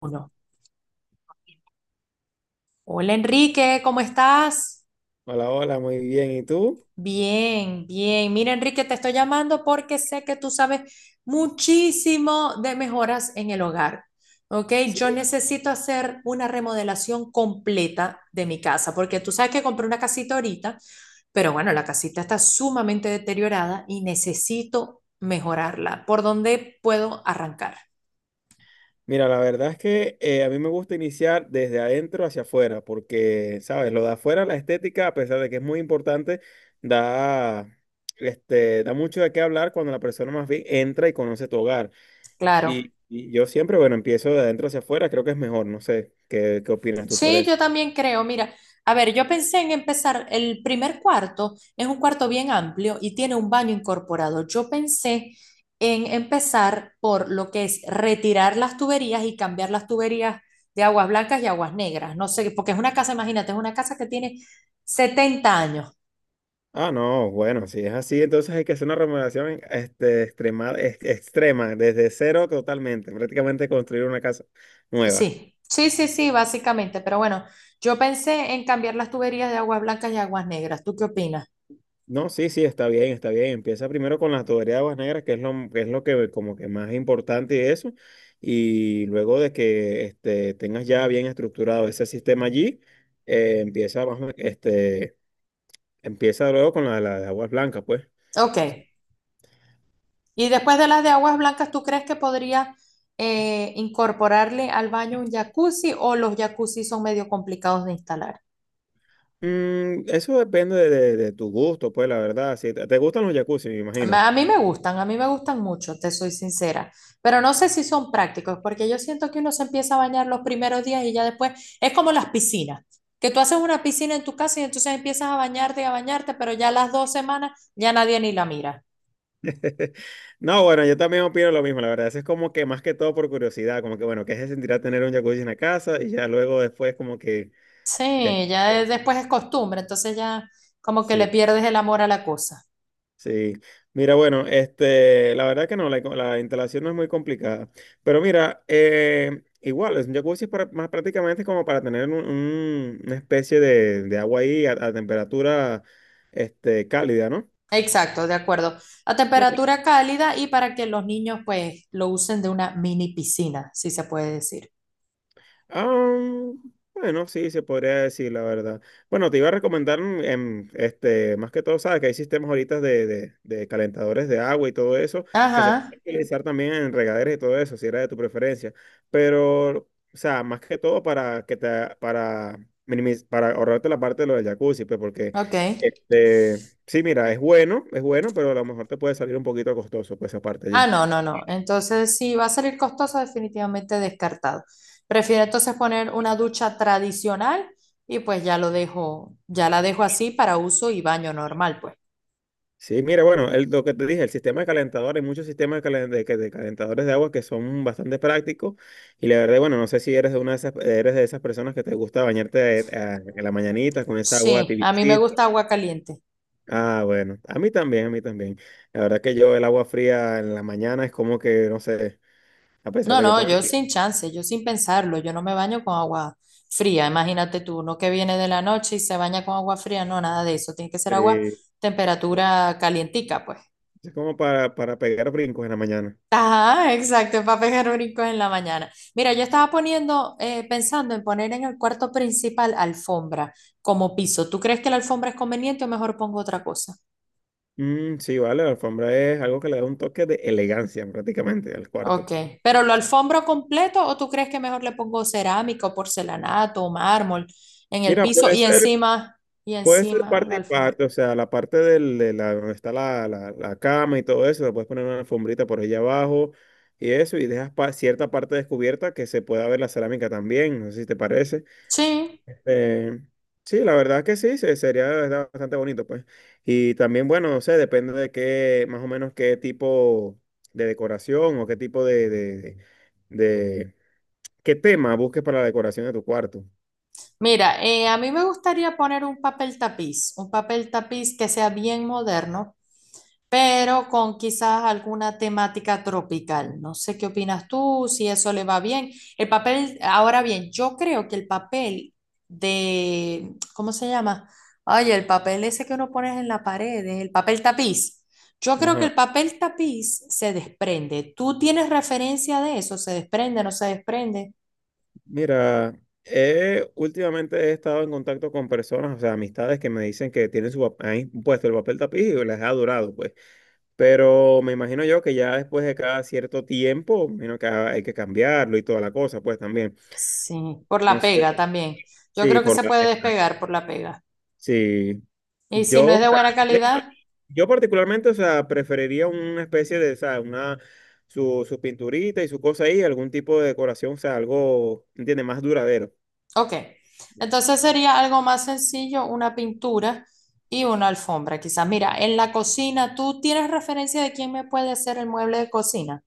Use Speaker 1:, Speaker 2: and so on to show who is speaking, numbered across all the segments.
Speaker 1: Uno. Hola Enrique, ¿cómo estás?
Speaker 2: Hola, hola, muy bien. ¿Y tú?
Speaker 1: Bien, bien. Mira Enrique, te estoy llamando porque sé que tú sabes muchísimo de mejoras en el hogar. ¿Ok? Yo
Speaker 2: Sí.
Speaker 1: necesito hacer una remodelación completa de mi casa porque tú sabes que compré una casita ahorita, pero bueno, la casita está sumamente deteriorada y necesito mejorarla. ¿Por dónde puedo arrancar?
Speaker 2: Mira, la verdad es que a mí me gusta iniciar desde adentro hacia afuera, porque, ¿sabes? Lo de afuera, la estética, a pesar de que es muy importante, da, da mucho de qué hablar cuando la persona más bien entra y conoce tu hogar.
Speaker 1: Claro.
Speaker 2: Y yo siempre, bueno, empiezo de adentro hacia afuera, creo que es mejor, no sé, ¿qué opinas tú sobre
Speaker 1: Sí,
Speaker 2: eso?
Speaker 1: yo también creo. Mira, a ver, yo pensé en empezar, el primer cuarto es un cuarto bien amplio y tiene un baño incorporado. Yo pensé en empezar por lo que es retirar las tuberías y cambiar las tuberías de aguas blancas y aguas negras. No sé, porque es una casa, imagínate, es una casa que tiene 70 años.
Speaker 2: Ah, no, bueno, si es así, entonces hay que hacer una remodelación extrema, extrema, desde cero totalmente, prácticamente construir una casa nueva.
Speaker 1: Sí, sí, sí, sí, básicamente. Pero bueno, yo pensé en cambiar las tuberías de aguas blancas y aguas negras. ¿Tú qué opinas?
Speaker 2: No, sí, sí, está bien, está bien. Empieza primero con la tuberías de aguas negras, que es lo que como que más importante de eso. Y luego de que tengas ya bien estructurado ese sistema allí, empieza, más o men- este, empieza luego con la de aguas blancas, pues. Sí.
Speaker 1: Ok. Y después de las de aguas blancas, ¿tú crees que podría incorporarle al baño un jacuzzi o los jacuzzi son medio complicados de instalar?
Speaker 2: Mm, eso depende de, de tu gusto, pues, la verdad. Si te gustan los jacuzzi, me imagino.
Speaker 1: A mí me gustan, a mí me gustan mucho, te soy sincera, pero no sé si son prácticos, porque yo siento que uno se empieza a bañar los primeros días y ya después es como las piscinas, que tú haces una piscina en tu casa y entonces empiezas a bañarte y a bañarte, pero ya las 2 semanas ya nadie ni la mira.
Speaker 2: No, bueno, yo también opino lo mismo, la verdad. Eso es como que más que todo por curiosidad, como que bueno, ¿qué se sentirá tener un jacuzzi en la casa? Y ya luego después como que... eh,
Speaker 1: Sí, después es costumbre, entonces ya como que le
Speaker 2: sí,
Speaker 1: pierdes el amor a la cosa.
Speaker 2: sí. Mira, bueno, la verdad que no, la instalación no es muy complicada. Pero mira, igual, es un jacuzzi es para, más prácticamente como para tener una especie de agua ahí a temperatura cálida, ¿no?
Speaker 1: Exacto, de acuerdo. A
Speaker 2: Bueno,
Speaker 1: temperatura cálida y para que los niños pues lo usen de una mini piscina, si se puede decir.
Speaker 2: ah, bueno, sí, se podría decir la verdad. Bueno, te iba a recomendar, más que todo, sabes que hay sistemas ahorita de, de calentadores de agua y todo eso, que se
Speaker 1: Ajá,
Speaker 2: puede utilizar también en regaderas y todo eso, si era de tu preferencia. Pero, o sea, más que todo para para ahorrarte la parte de lo del jacuzzi, pues, porque,
Speaker 1: ok.
Speaker 2: sí, mira, es bueno, pero a lo mejor te puede salir un poquito costoso, pues, esa parte
Speaker 1: Ah,
Speaker 2: allí.
Speaker 1: no, no, no. Entonces, si va a salir costoso, definitivamente descartado. Prefiero entonces poner una ducha tradicional y pues ya lo dejo, ya la dejo así para uso y baño normal, pues.
Speaker 2: Sí, mira, bueno, lo que te dije, el sistema de calentador, hay muchos sistemas de, calen- de que de calentadores de agua que son bastante prácticos y la verdad, bueno, no sé si eres de una de esas, eres de esas personas que te gusta bañarte en la mañanita con esa agua
Speaker 1: Sí, a mí me
Speaker 2: tibiecita.
Speaker 1: gusta agua caliente.
Speaker 2: Ah, bueno, a mí también, a mí también. La verdad que yo el agua fría en la mañana es como que, no sé, a pesar
Speaker 1: No,
Speaker 2: de que
Speaker 1: no,
Speaker 2: pones,
Speaker 1: yo sin chance, yo sin pensarlo, yo no me baño con agua fría, imagínate tú, uno que viene de la noche y se baña con agua fría, no, nada de eso, tiene que ser agua
Speaker 2: eh,
Speaker 1: temperatura calientica, pues.
Speaker 2: es como para pegar brincos en la mañana.
Speaker 1: Ajá, exacto, para pegar brincos en la mañana. Mira, yo estaba poniendo, pensando en poner en el cuarto principal alfombra como piso. ¿Tú crees que la alfombra es conveniente o mejor pongo otra cosa?
Speaker 2: Mm, sí, vale, la alfombra es algo que le da un toque de elegancia prácticamente al cuarto.
Speaker 1: Ok, pero lo alfombro completo o tú crees que mejor le pongo cerámico, porcelanato, mármol en el
Speaker 2: Mira,
Speaker 1: piso
Speaker 2: puede ser,
Speaker 1: y
Speaker 2: puede ser
Speaker 1: encima la
Speaker 2: parte y
Speaker 1: alfombra.
Speaker 2: parte, o sea, de la, donde está la cama y todo eso, le puedes poner una alfombrita por allá abajo y eso, y dejas cierta parte descubierta que se pueda ver la cerámica también, no sé si te parece.
Speaker 1: Sí,
Speaker 2: Eh, sí, la verdad que sí, sería de verdad bastante bonito, pues. Y también, bueno, no sé, depende de qué, más o menos qué tipo de decoración o qué tipo de, de qué tema busques para la decoración de tu cuarto.
Speaker 1: mira, a mí me gustaría poner un papel tapiz que sea bien moderno, pero con quizás alguna temática tropical. No sé qué opinas tú, si eso le va bien. El papel, ahora bien, yo creo que el papel de, ¿cómo se llama? Ay, el papel ese que uno pones en la pared, el papel tapiz. Yo creo que
Speaker 2: Ajá.
Speaker 1: el papel tapiz se desprende. ¿Tú tienes referencia de eso? ¿Se desprende, no se desprende?
Speaker 2: Mira, últimamente he estado en contacto con personas, o sea, amistades que me dicen que tienen su, ahí puesto el papel tapiz y les ha durado, pues. Pero me imagino yo que ya después de cada cierto tiempo, me imagino que hay que cambiarlo y toda la cosa, pues también.
Speaker 1: Sí, por
Speaker 2: No
Speaker 1: la pega
Speaker 2: sé,
Speaker 1: también. Yo
Speaker 2: sí,
Speaker 1: creo que
Speaker 2: por
Speaker 1: se
Speaker 2: la-
Speaker 1: puede despegar por la pega.
Speaker 2: sí.
Speaker 1: Y si no
Speaker 2: Yo, o
Speaker 1: es de
Speaker 2: sea,
Speaker 1: buena
Speaker 2: eh,
Speaker 1: calidad,
Speaker 2: yo particularmente, o sea, preferiría una especie de, o sea, una, su pinturita y su cosa ahí, algún tipo de decoración, o sea, algo, ¿entiendes? Más duradero.
Speaker 1: ok, entonces sería algo más sencillo, una pintura y una alfombra, quizás. Mira, en la cocina, ¿tú tienes referencia de quién me puede hacer el mueble de cocina?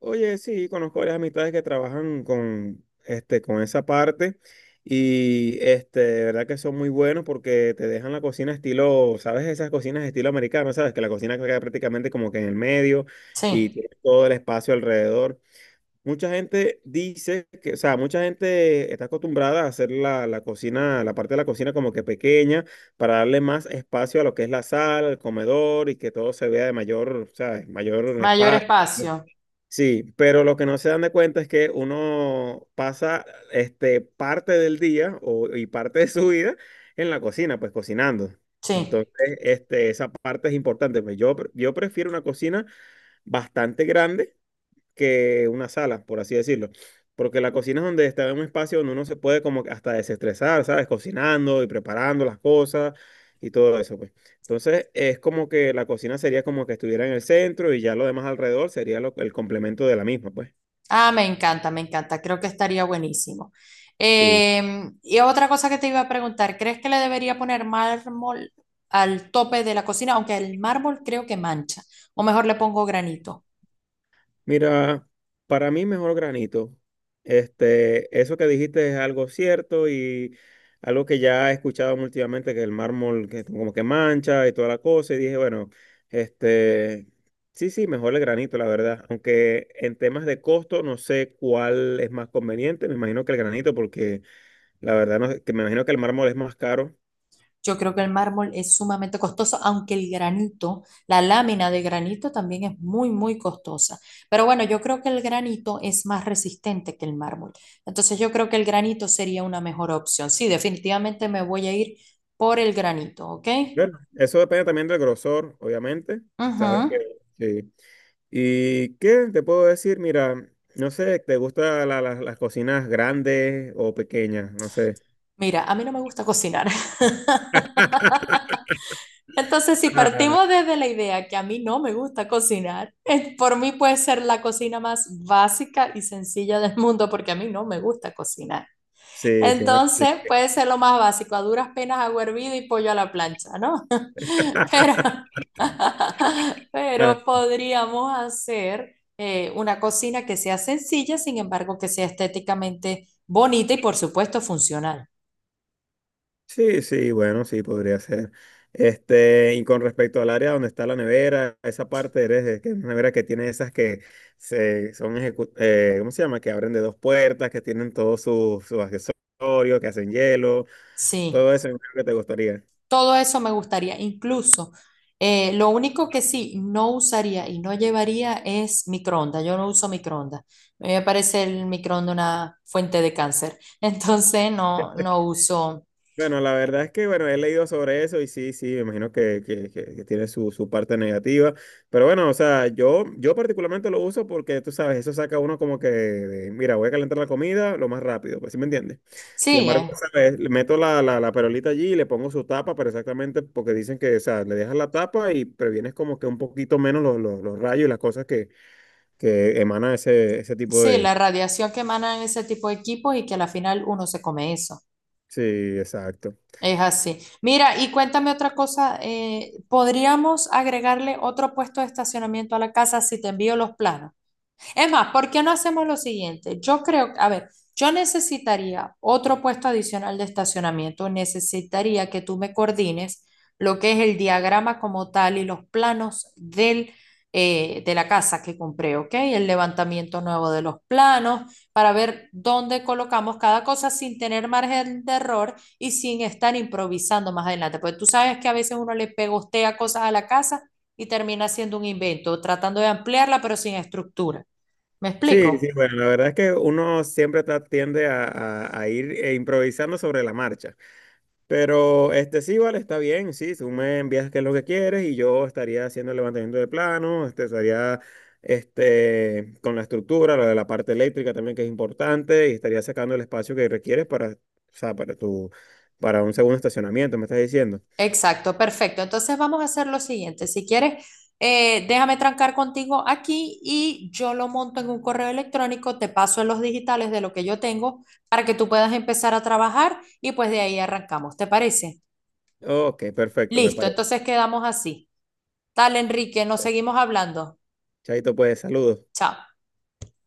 Speaker 2: Oye, sí, conozco varias amistades que trabajan con, con esa parte y de verdad que son muy buenos porque te dejan la cocina estilo, ¿sabes? Esas cocinas estilo americano, ¿sabes? Que la cocina queda prácticamente como que en el medio y
Speaker 1: Sí,
Speaker 2: tiene todo el espacio alrededor. Mucha gente dice que, o sea, mucha gente está acostumbrada a hacer la cocina, la parte de la cocina como que pequeña para darle más espacio a lo que es la sala, el comedor y que todo se vea de mayor, ¿sabes? Mayor
Speaker 1: mayor
Speaker 2: espacio.
Speaker 1: espacio,
Speaker 2: Sí, pero lo que no se dan de cuenta es que uno pasa parte del día o, y parte de su vida en la cocina, pues cocinando.
Speaker 1: sí.
Speaker 2: Entonces, esa parte es importante. Pues yo, yo prefiero una cocina bastante grande que una sala, por así decirlo. Porque la cocina es donde está en un espacio donde uno se puede como que hasta desestresar, ¿sabes? Cocinando y preparando las cosas y todo eso, pues. Entonces, es como que la cocina sería como que estuviera en el centro y ya lo demás alrededor sería el complemento de la misma, pues.
Speaker 1: Ah, me encanta, creo que estaría buenísimo.
Speaker 2: Sí.
Speaker 1: Y otra cosa que te iba a preguntar, ¿crees que le debería poner mármol al tope de la cocina? Aunque el mármol creo que mancha, o mejor le pongo granito.
Speaker 2: Mira, para mí mejor granito. Eso que dijiste es algo cierto y algo que ya he escuchado últimamente, que el mármol que como que mancha y toda la cosa. Y dije, bueno, este, sí, sí, mejor el granito, la verdad. Aunque en temas de costo no sé cuál es más conveniente. Me imagino que el granito, porque la verdad no, sé, que me imagino que el mármol es más caro.
Speaker 1: Yo creo que el mármol es sumamente costoso, aunque el granito, la lámina de granito también es muy, muy costosa. Pero bueno, yo creo que el granito es más resistente que el mármol. Entonces yo creo que el granito sería una mejor opción. Sí, definitivamente me voy a ir por el granito, ¿ok?
Speaker 2: Bueno, eso depende también del grosor, obviamente.
Speaker 1: Ujú.
Speaker 2: Sabes que sí. ¿Y qué te puedo decir? Mira, no sé, ¿te gustan las cocinas grandes o pequeñas? No sé.
Speaker 1: Mira, a mí no me gusta cocinar. Entonces, si
Speaker 2: Ah,
Speaker 1: partimos desde la idea que a mí no me gusta cocinar, por mí puede ser la cocina más básica y sencilla del mundo porque a mí no me gusta cocinar.
Speaker 2: sí, sí, ¿no? Sí.
Speaker 1: Entonces puede ser lo más básico, a duras penas agua hervida y pollo a la plancha, ¿no? Pero,
Speaker 2: Ah,
Speaker 1: pero podríamos hacer una cocina que sea sencilla, sin embargo, que sea estéticamente bonita y por supuesto funcional.
Speaker 2: sí, sí, bueno, sí, podría ser. Este, y con respecto al área donde está la nevera, esa parte eres de que es una nevera que tiene esas que se ¿cómo se llama? Que abren de dos puertas, que tienen todos sus accesorios, que hacen hielo, todo
Speaker 1: Sí,
Speaker 2: eso, creo que te gustaría.
Speaker 1: todo eso me gustaría. Incluso, lo único que sí no usaría y no llevaría es microondas. Yo no uso microondas. A mí me parece el microondas una fuente de cáncer. Entonces no, no uso.
Speaker 2: Bueno, la verdad es que, bueno, he leído sobre eso y sí, sí, me imagino que, que tiene su, su parte negativa. Pero bueno, o sea, yo particularmente lo uso porque, tú sabes, eso saca uno como que, de, mira, voy a calentar la comida lo más rápido, pues, ¿sí me entiendes? Sin
Speaker 1: Sí,
Speaker 2: embargo, ¿sabes? Le meto la perolita allí y le pongo su tapa, pero exactamente porque dicen que, o sea, le dejas la tapa y previenes como que un poquito menos los rayos y las cosas que emanan ese, ese tipo
Speaker 1: sí,
Speaker 2: de...
Speaker 1: la radiación que emanan ese tipo de equipos y que a la final uno se come eso.
Speaker 2: Sí, exacto.
Speaker 1: Es así. Mira, y cuéntame otra cosa, ¿podríamos agregarle otro puesto de estacionamiento a la casa si te envío los planos? Es más, ¿por qué no hacemos lo siguiente? Yo creo, a ver, yo necesitaría otro puesto adicional de estacionamiento, necesitaría que tú me coordines lo que es el diagrama como tal y los planos del, de la casa que compré, ¿ok? El levantamiento nuevo de los planos para ver dónde colocamos cada cosa sin tener margen de error y sin estar improvisando más adelante. Porque tú sabes que a veces uno le pegostea cosas a la casa y termina siendo un invento, tratando de ampliarla pero sin estructura. ¿Me
Speaker 2: Sí, sí,
Speaker 1: explico?
Speaker 2: bueno, la verdad es que uno siempre tiende a, a ir improvisando sobre la marcha. Pero este sí, vale, está bien, sí, tú me envías qué es lo que quieres y yo estaría haciendo el levantamiento de plano, estaría con la estructura, lo de la parte eléctrica también que es importante y estaría sacando el espacio que requieres para, o sea, para tu, para un segundo estacionamiento, me estás diciendo.
Speaker 1: Exacto, perfecto. Entonces vamos a hacer lo siguiente. Si quieres, déjame trancar contigo aquí y yo lo monto en un correo electrónico, te paso en los digitales de lo que yo tengo para que tú puedas empezar a trabajar y pues de ahí arrancamos. ¿Te parece?
Speaker 2: Ok, perfecto, me
Speaker 1: Listo,
Speaker 2: parece.
Speaker 1: entonces quedamos así. Tal, Enrique, nos seguimos hablando.
Speaker 2: Chaito, pues, saludos.
Speaker 1: Chao.